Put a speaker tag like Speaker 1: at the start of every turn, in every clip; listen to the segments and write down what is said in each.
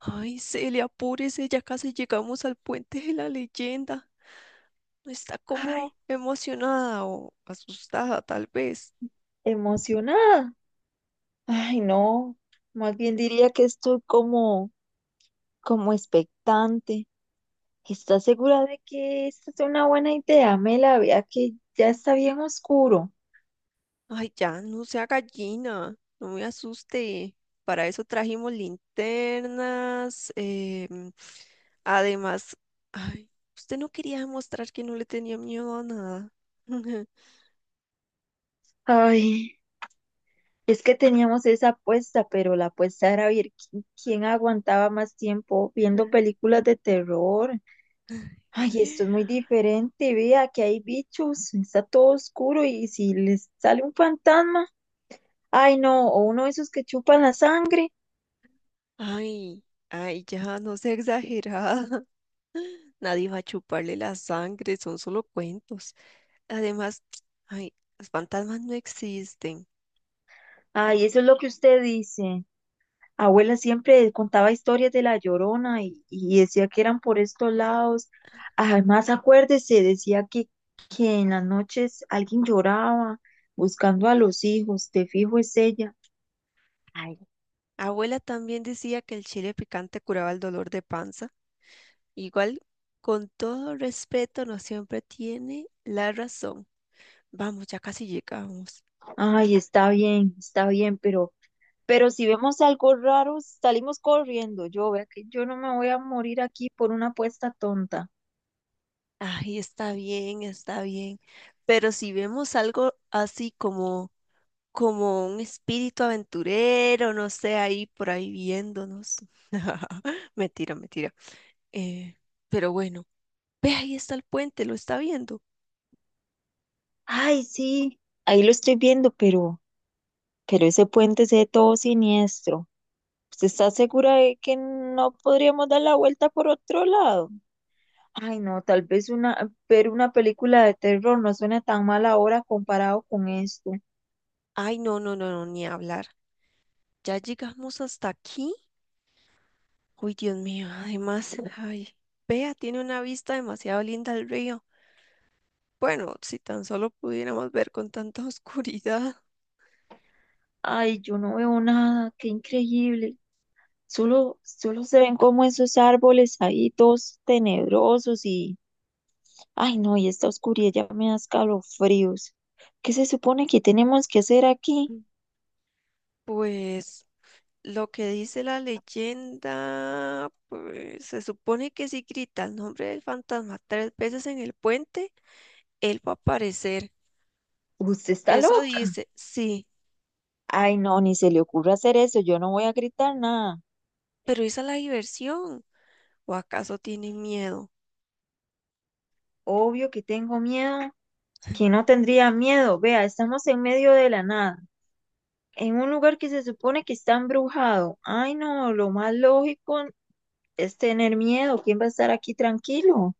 Speaker 1: Ay, Celia, apúrese, ya casi llegamos al puente de la leyenda. Está
Speaker 2: Ay,
Speaker 1: como emocionada o asustada, tal vez.
Speaker 2: emocionada. Ay, no. Más bien diría que estoy como, como expectante. ¿Estás segura de que esta es una buena idea, Mela? Vea que ya está bien oscuro.
Speaker 1: Ay, ya, no sea gallina, no me asuste. Para eso trajimos linternas. Además, ay, usted no quería demostrar que no le tenía miedo a nada.
Speaker 2: Ay, es que teníamos esa apuesta, pero la apuesta era ver quién aguantaba más tiempo viendo películas de terror. Ay, esto es muy diferente. Vea que hay bichos, está todo oscuro y si les sale un fantasma, ay, no, o uno de esos que chupan la sangre.
Speaker 1: Ay, ya, no sea exagerada. Nadie va a chuparle la sangre, son solo cuentos. Además, ay, los fantasmas no existen.
Speaker 2: Ay, eso es lo que usted dice. Abuela siempre contaba historias de La Llorona y decía que eran por estos lados. Además, acuérdese, que en las noches alguien lloraba buscando a los hijos. Te fijo, es ella.
Speaker 1: Ay, abuela también decía que el chile picante curaba el dolor de panza. Igual, con todo respeto, no siempre tiene la razón. Vamos, ya casi llegamos.
Speaker 2: Ay, está bien, pero si vemos algo raro, salimos corriendo. Yo, vea que yo no me voy a morir aquí por una apuesta tonta.
Speaker 1: Ay, está bien, está bien. Pero si vemos algo así como, como un espíritu aventurero, no sé, ahí por ahí viéndonos. Mentira, mentira. Eh, pero bueno, ve, ahí está el puente, lo está viendo.
Speaker 2: Ay, sí, ahí lo estoy viendo, pero ese puente se ve todo siniestro. ¿Usted está segura de que no podríamos dar la vuelta por otro lado? Ay, no, tal vez una, ver una película de terror no suena tan mal ahora comparado con esto.
Speaker 1: Ay, no, no, no, no, ni hablar. Ya llegamos hasta aquí. Uy, Dios mío, además, vea, tiene una vista demasiado linda al río. Bueno, si tan solo pudiéramos ver con tanta oscuridad.
Speaker 2: Ay, yo no veo nada, qué increíble. Solo se ven como esos árboles ahí todos tenebrosos y, ay, no, y esta oscuridad ya me da escalofríos. ¿Qué se supone que tenemos que hacer aquí?
Speaker 1: Pues lo que dice la leyenda, pues se supone que si grita el nombre del fantasma 3 veces en el puente, él va a aparecer.
Speaker 2: ¿Usted está
Speaker 1: Eso
Speaker 2: loca?
Speaker 1: dice, sí,
Speaker 2: Ay, no, ni se le ocurra hacer eso, yo no voy a gritar nada.
Speaker 1: pero esa es la diversión. ¿O acaso tiene miedo?
Speaker 2: Obvio que tengo miedo. Que no tendría miedo. Vea, estamos en medio de la nada, en un lugar que se supone que está embrujado. Ay, no, lo más lógico es tener miedo. ¿Quién va a estar aquí tranquilo?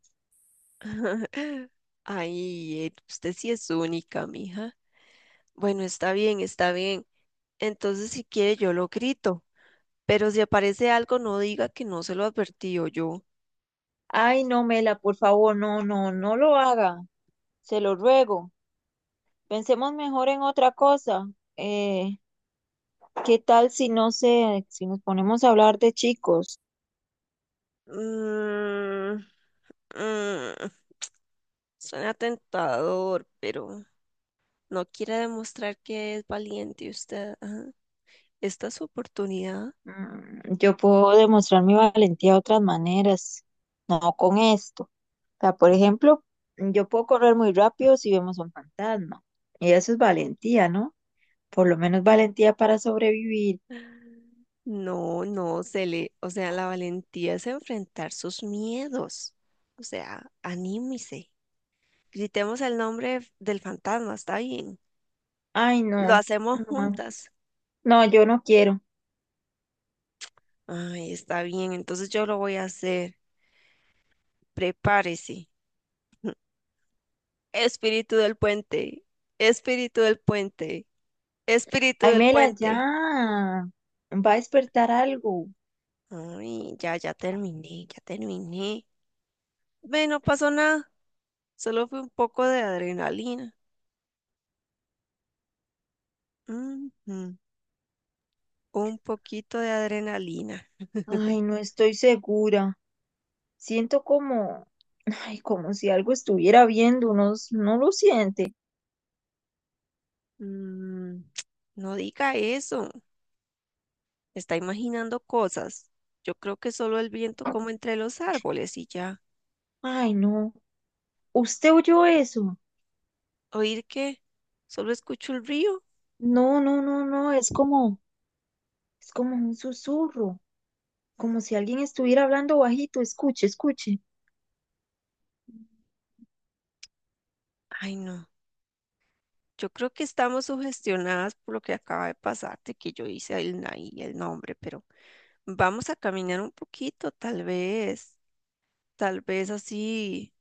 Speaker 1: Ay, Ed, usted sí es única, mija. Bueno, está bien, está bien. Entonces, si quiere, yo lo grito. Pero si aparece algo, no diga que no se lo advertí o yo.
Speaker 2: Ay, no, Mela, por favor, no, no, no lo haga. Se lo ruego. Pensemos mejor en otra cosa. Eh, ¿Qué tal si no sé, si nos ponemos a hablar de chicos?
Speaker 1: Mm, mm, suena tentador, pero no quiere demostrar que es valiente usted. Ajá. Esta es su oportunidad.
Speaker 2: Mm, yo puedo demostrar mi valentía de otras maneras, no con esto. O sea, por ejemplo, yo puedo correr muy rápido si vemos un fantasma. Y eso es valentía, ¿no? Por lo menos valentía para sobrevivir.
Speaker 1: No, no, se le, o sea, la valentía es enfrentar sus miedos. O sea, anímese. Gritemos el nombre del fantasma, está bien.
Speaker 2: Ay,
Speaker 1: Lo
Speaker 2: no,
Speaker 1: hacemos
Speaker 2: no,
Speaker 1: juntas.
Speaker 2: no, yo no quiero.
Speaker 1: Ay, está bien, entonces yo lo voy a hacer. Prepárese. Espíritu del puente, espíritu del puente, espíritu
Speaker 2: Ay,
Speaker 1: del
Speaker 2: Mela, ya.
Speaker 1: puente.
Speaker 2: Va a despertar algo.
Speaker 1: Ay, ya, ya terminé, ya terminé. Ve, no pasó nada, solo fue un poco de adrenalina. Ujú. Un poquito de adrenalina.
Speaker 2: Ay, no estoy segura. Siento como, ay, como si algo estuviera viendo, no, no lo siente.
Speaker 1: Mm, no diga eso. Está imaginando cosas. Yo creo que solo el viento como entre los árboles y ya.
Speaker 2: Ay, no. ¿Usted oyó eso?
Speaker 1: ¿Oír qué? ¿Solo escucho el río?
Speaker 2: No, no, no, no, es como un susurro, como si alguien estuviera hablando bajito, escuche, escuche.
Speaker 1: Ay, no. Yo creo que estamos sugestionadas por lo que acaba de pasarte, que yo hice el, y el nombre, pero vamos a caminar un poquito, tal vez. Tal vez así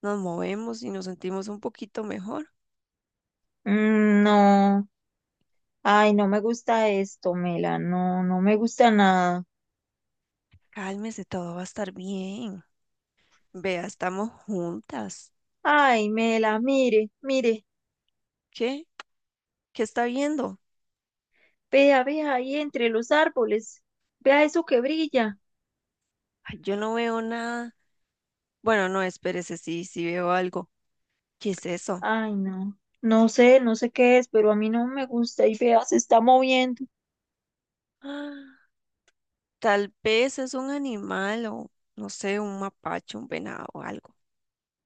Speaker 1: nos movemos y nos sentimos un poquito mejor.
Speaker 2: Mm, no, ay, no me gusta esto, Mela, no, no me gusta nada.
Speaker 1: Cálmese, todo va a estar bien. Vea, estamos juntas.
Speaker 2: Ay, Mela, mire, mire,
Speaker 1: ¿Qué? ¿Qué está viendo?
Speaker 2: vea, vea ahí entre los árboles, vea eso que brilla.
Speaker 1: Ay, yo no veo nada. Bueno, no, espérese, sí, sí veo algo. ¿Qué es eso?
Speaker 2: Ay, no, no sé, no sé qué es, pero a mí no me gusta y vea, se está moviendo.
Speaker 1: Ah, tal vez es un animal o, no sé, un mapache, un venado o algo.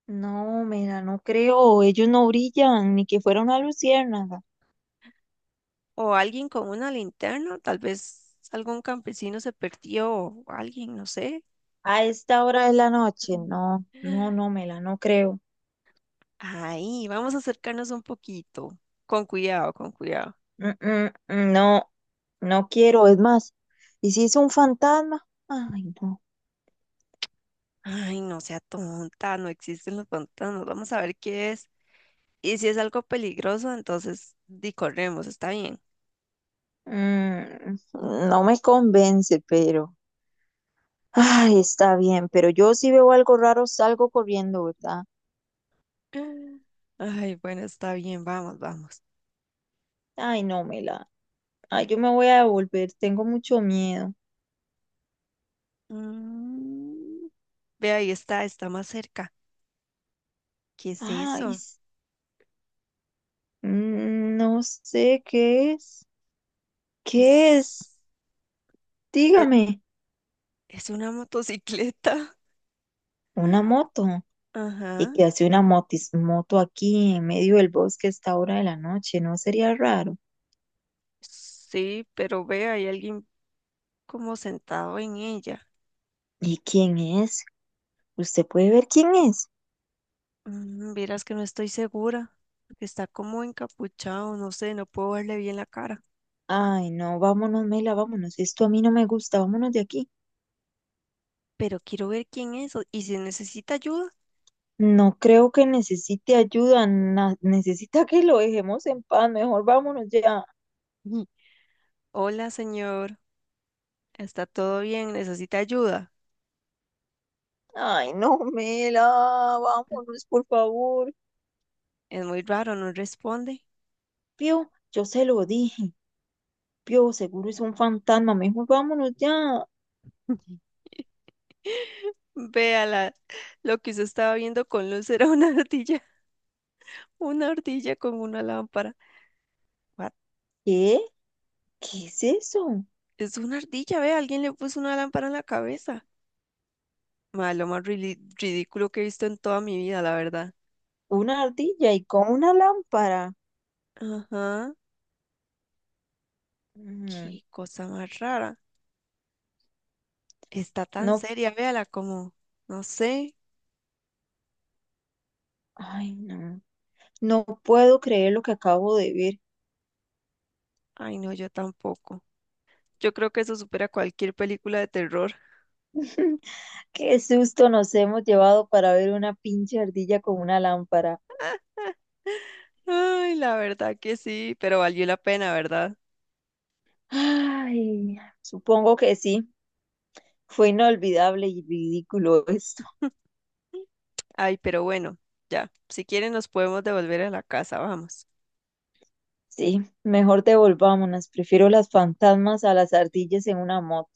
Speaker 2: No, Mela, no creo, ellos no brillan, ni que fuera una luciérnaga.
Speaker 1: O alguien con una linterna, tal vez algún campesino se perdió o alguien, no sé.
Speaker 2: A esta hora de la noche,
Speaker 1: Mm.
Speaker 2: no, no, no, Mela, no creo.
Speaker 1: Ay, vamos a acercarnos un poquito. Con cuidado, con cuidado.
Speaker 2: Mm, mm, mm, no, no quiero, es más. ¿Y si es un fantasma? Ay, no.
Speaker 1: Ay, no sea tonta, no existen los pantanos. Vamos a ver qué es. Y si es algo peligroso, entonces di corremos, está bien.
Speaker 2: Mm, no me convence, pero. Ay, está bien, pero yo si veo algo raro salgo corriendo, ¿verdad?
Speaker 1: Ay, bueno, está bien, vamos, vamos.
Speaker 2: Ay, no, Mela. Ay, yo me voy a devolver, tengo mucho miedo.
Speaker 1: Mm, ve, ahí está, está más cerca. ¿Qué es
Speaker 2: Ay,
Speaker 1: eso?
Speaker 2: s- mm, no sé qué es. ¿Qué es?
Speaker 1: Es, e-
Speaker 2: Dígame,
Speaker 1: es una motocicleta.
Speaker 2: una moto. Y
Speaker 1: Ajá.
Speaker 2: que hace una moto aquí en medio del bosque a esta hora de la noche, ¿no sería raro?
Speaker 1: Sí, pero ve, hay alguien como sentado en ella.
Speaker 2: ¿Y quién es? ¿Usted puede ver quién es?
Speaker 1: Mm, vieras que no estoy segura, porque está como encapuchado, no sé, no puedo verle bien la cara.
Speaker 2: Ay, no, vámonos, Mela, vámonos. Esto a mí no me gusta, vámonos de aquí.
Speaker 1: Pero quiero ver quién es y si necesita ayuda.
Speaker 2: No creo que necesite ayuda, necesita que lo dejemos en paz, mejor vámonos ya.
Speaker 1: Hola, señor. ¿Está todo bien? ¿Necesita ayuda?
Speaker 2: Ay, no, Mela, vámonos, por favor.
Speaker 1: Es muy raro, no responde.
Speaker 2: Pío, yo se lo dije. Pío, seguro es un fantasma, mejor vámonos ya.
Speaker 1: Véala, lo que usted estaba viendo con luz era una ardilla, una ardilla con una lámpara. What?
Speaker 2: ¿Qué? ¿Qué es eso?
Speaker 1: Es una ardilla, ve, alguien le puso una lámpara en la cabeza. Ma, lo más ridículo que he visto en toda mi vida, la verdad.
Speaker 2: Una ardilla y con una lámpara.
Speaker 1: Ajá,
Speaker 2: Mm,
Speaker 1: qué cosa más rara. Está tan
Speaker 2: no,
Speaker 1: seria, véala, como, no sé.
Speaker 2: ay, no. No puedo creer lo que acabo de ver.
Speaker 1: Ay, no, yo tampoco. Yo creo que eso supera cualquier película de terror.
Speaker 2: Qué susto nos hemos llevado para ver una pinche ardilla con una lámpara.
Speaker 1: Ay, la verdad que sí, pero valió la pena, ¿verdad?
Speaker 2: Ay, supongo que sí. Fue inolvidable y ridículo esto.
Speaker 1: Ay, pero bueno, ya, si quieren nos podemos devolver a la casa, vamos.
Speaker 2: Sí, mejor devolvámonos. Prefiero las fantasmas a las ardillas en una moto.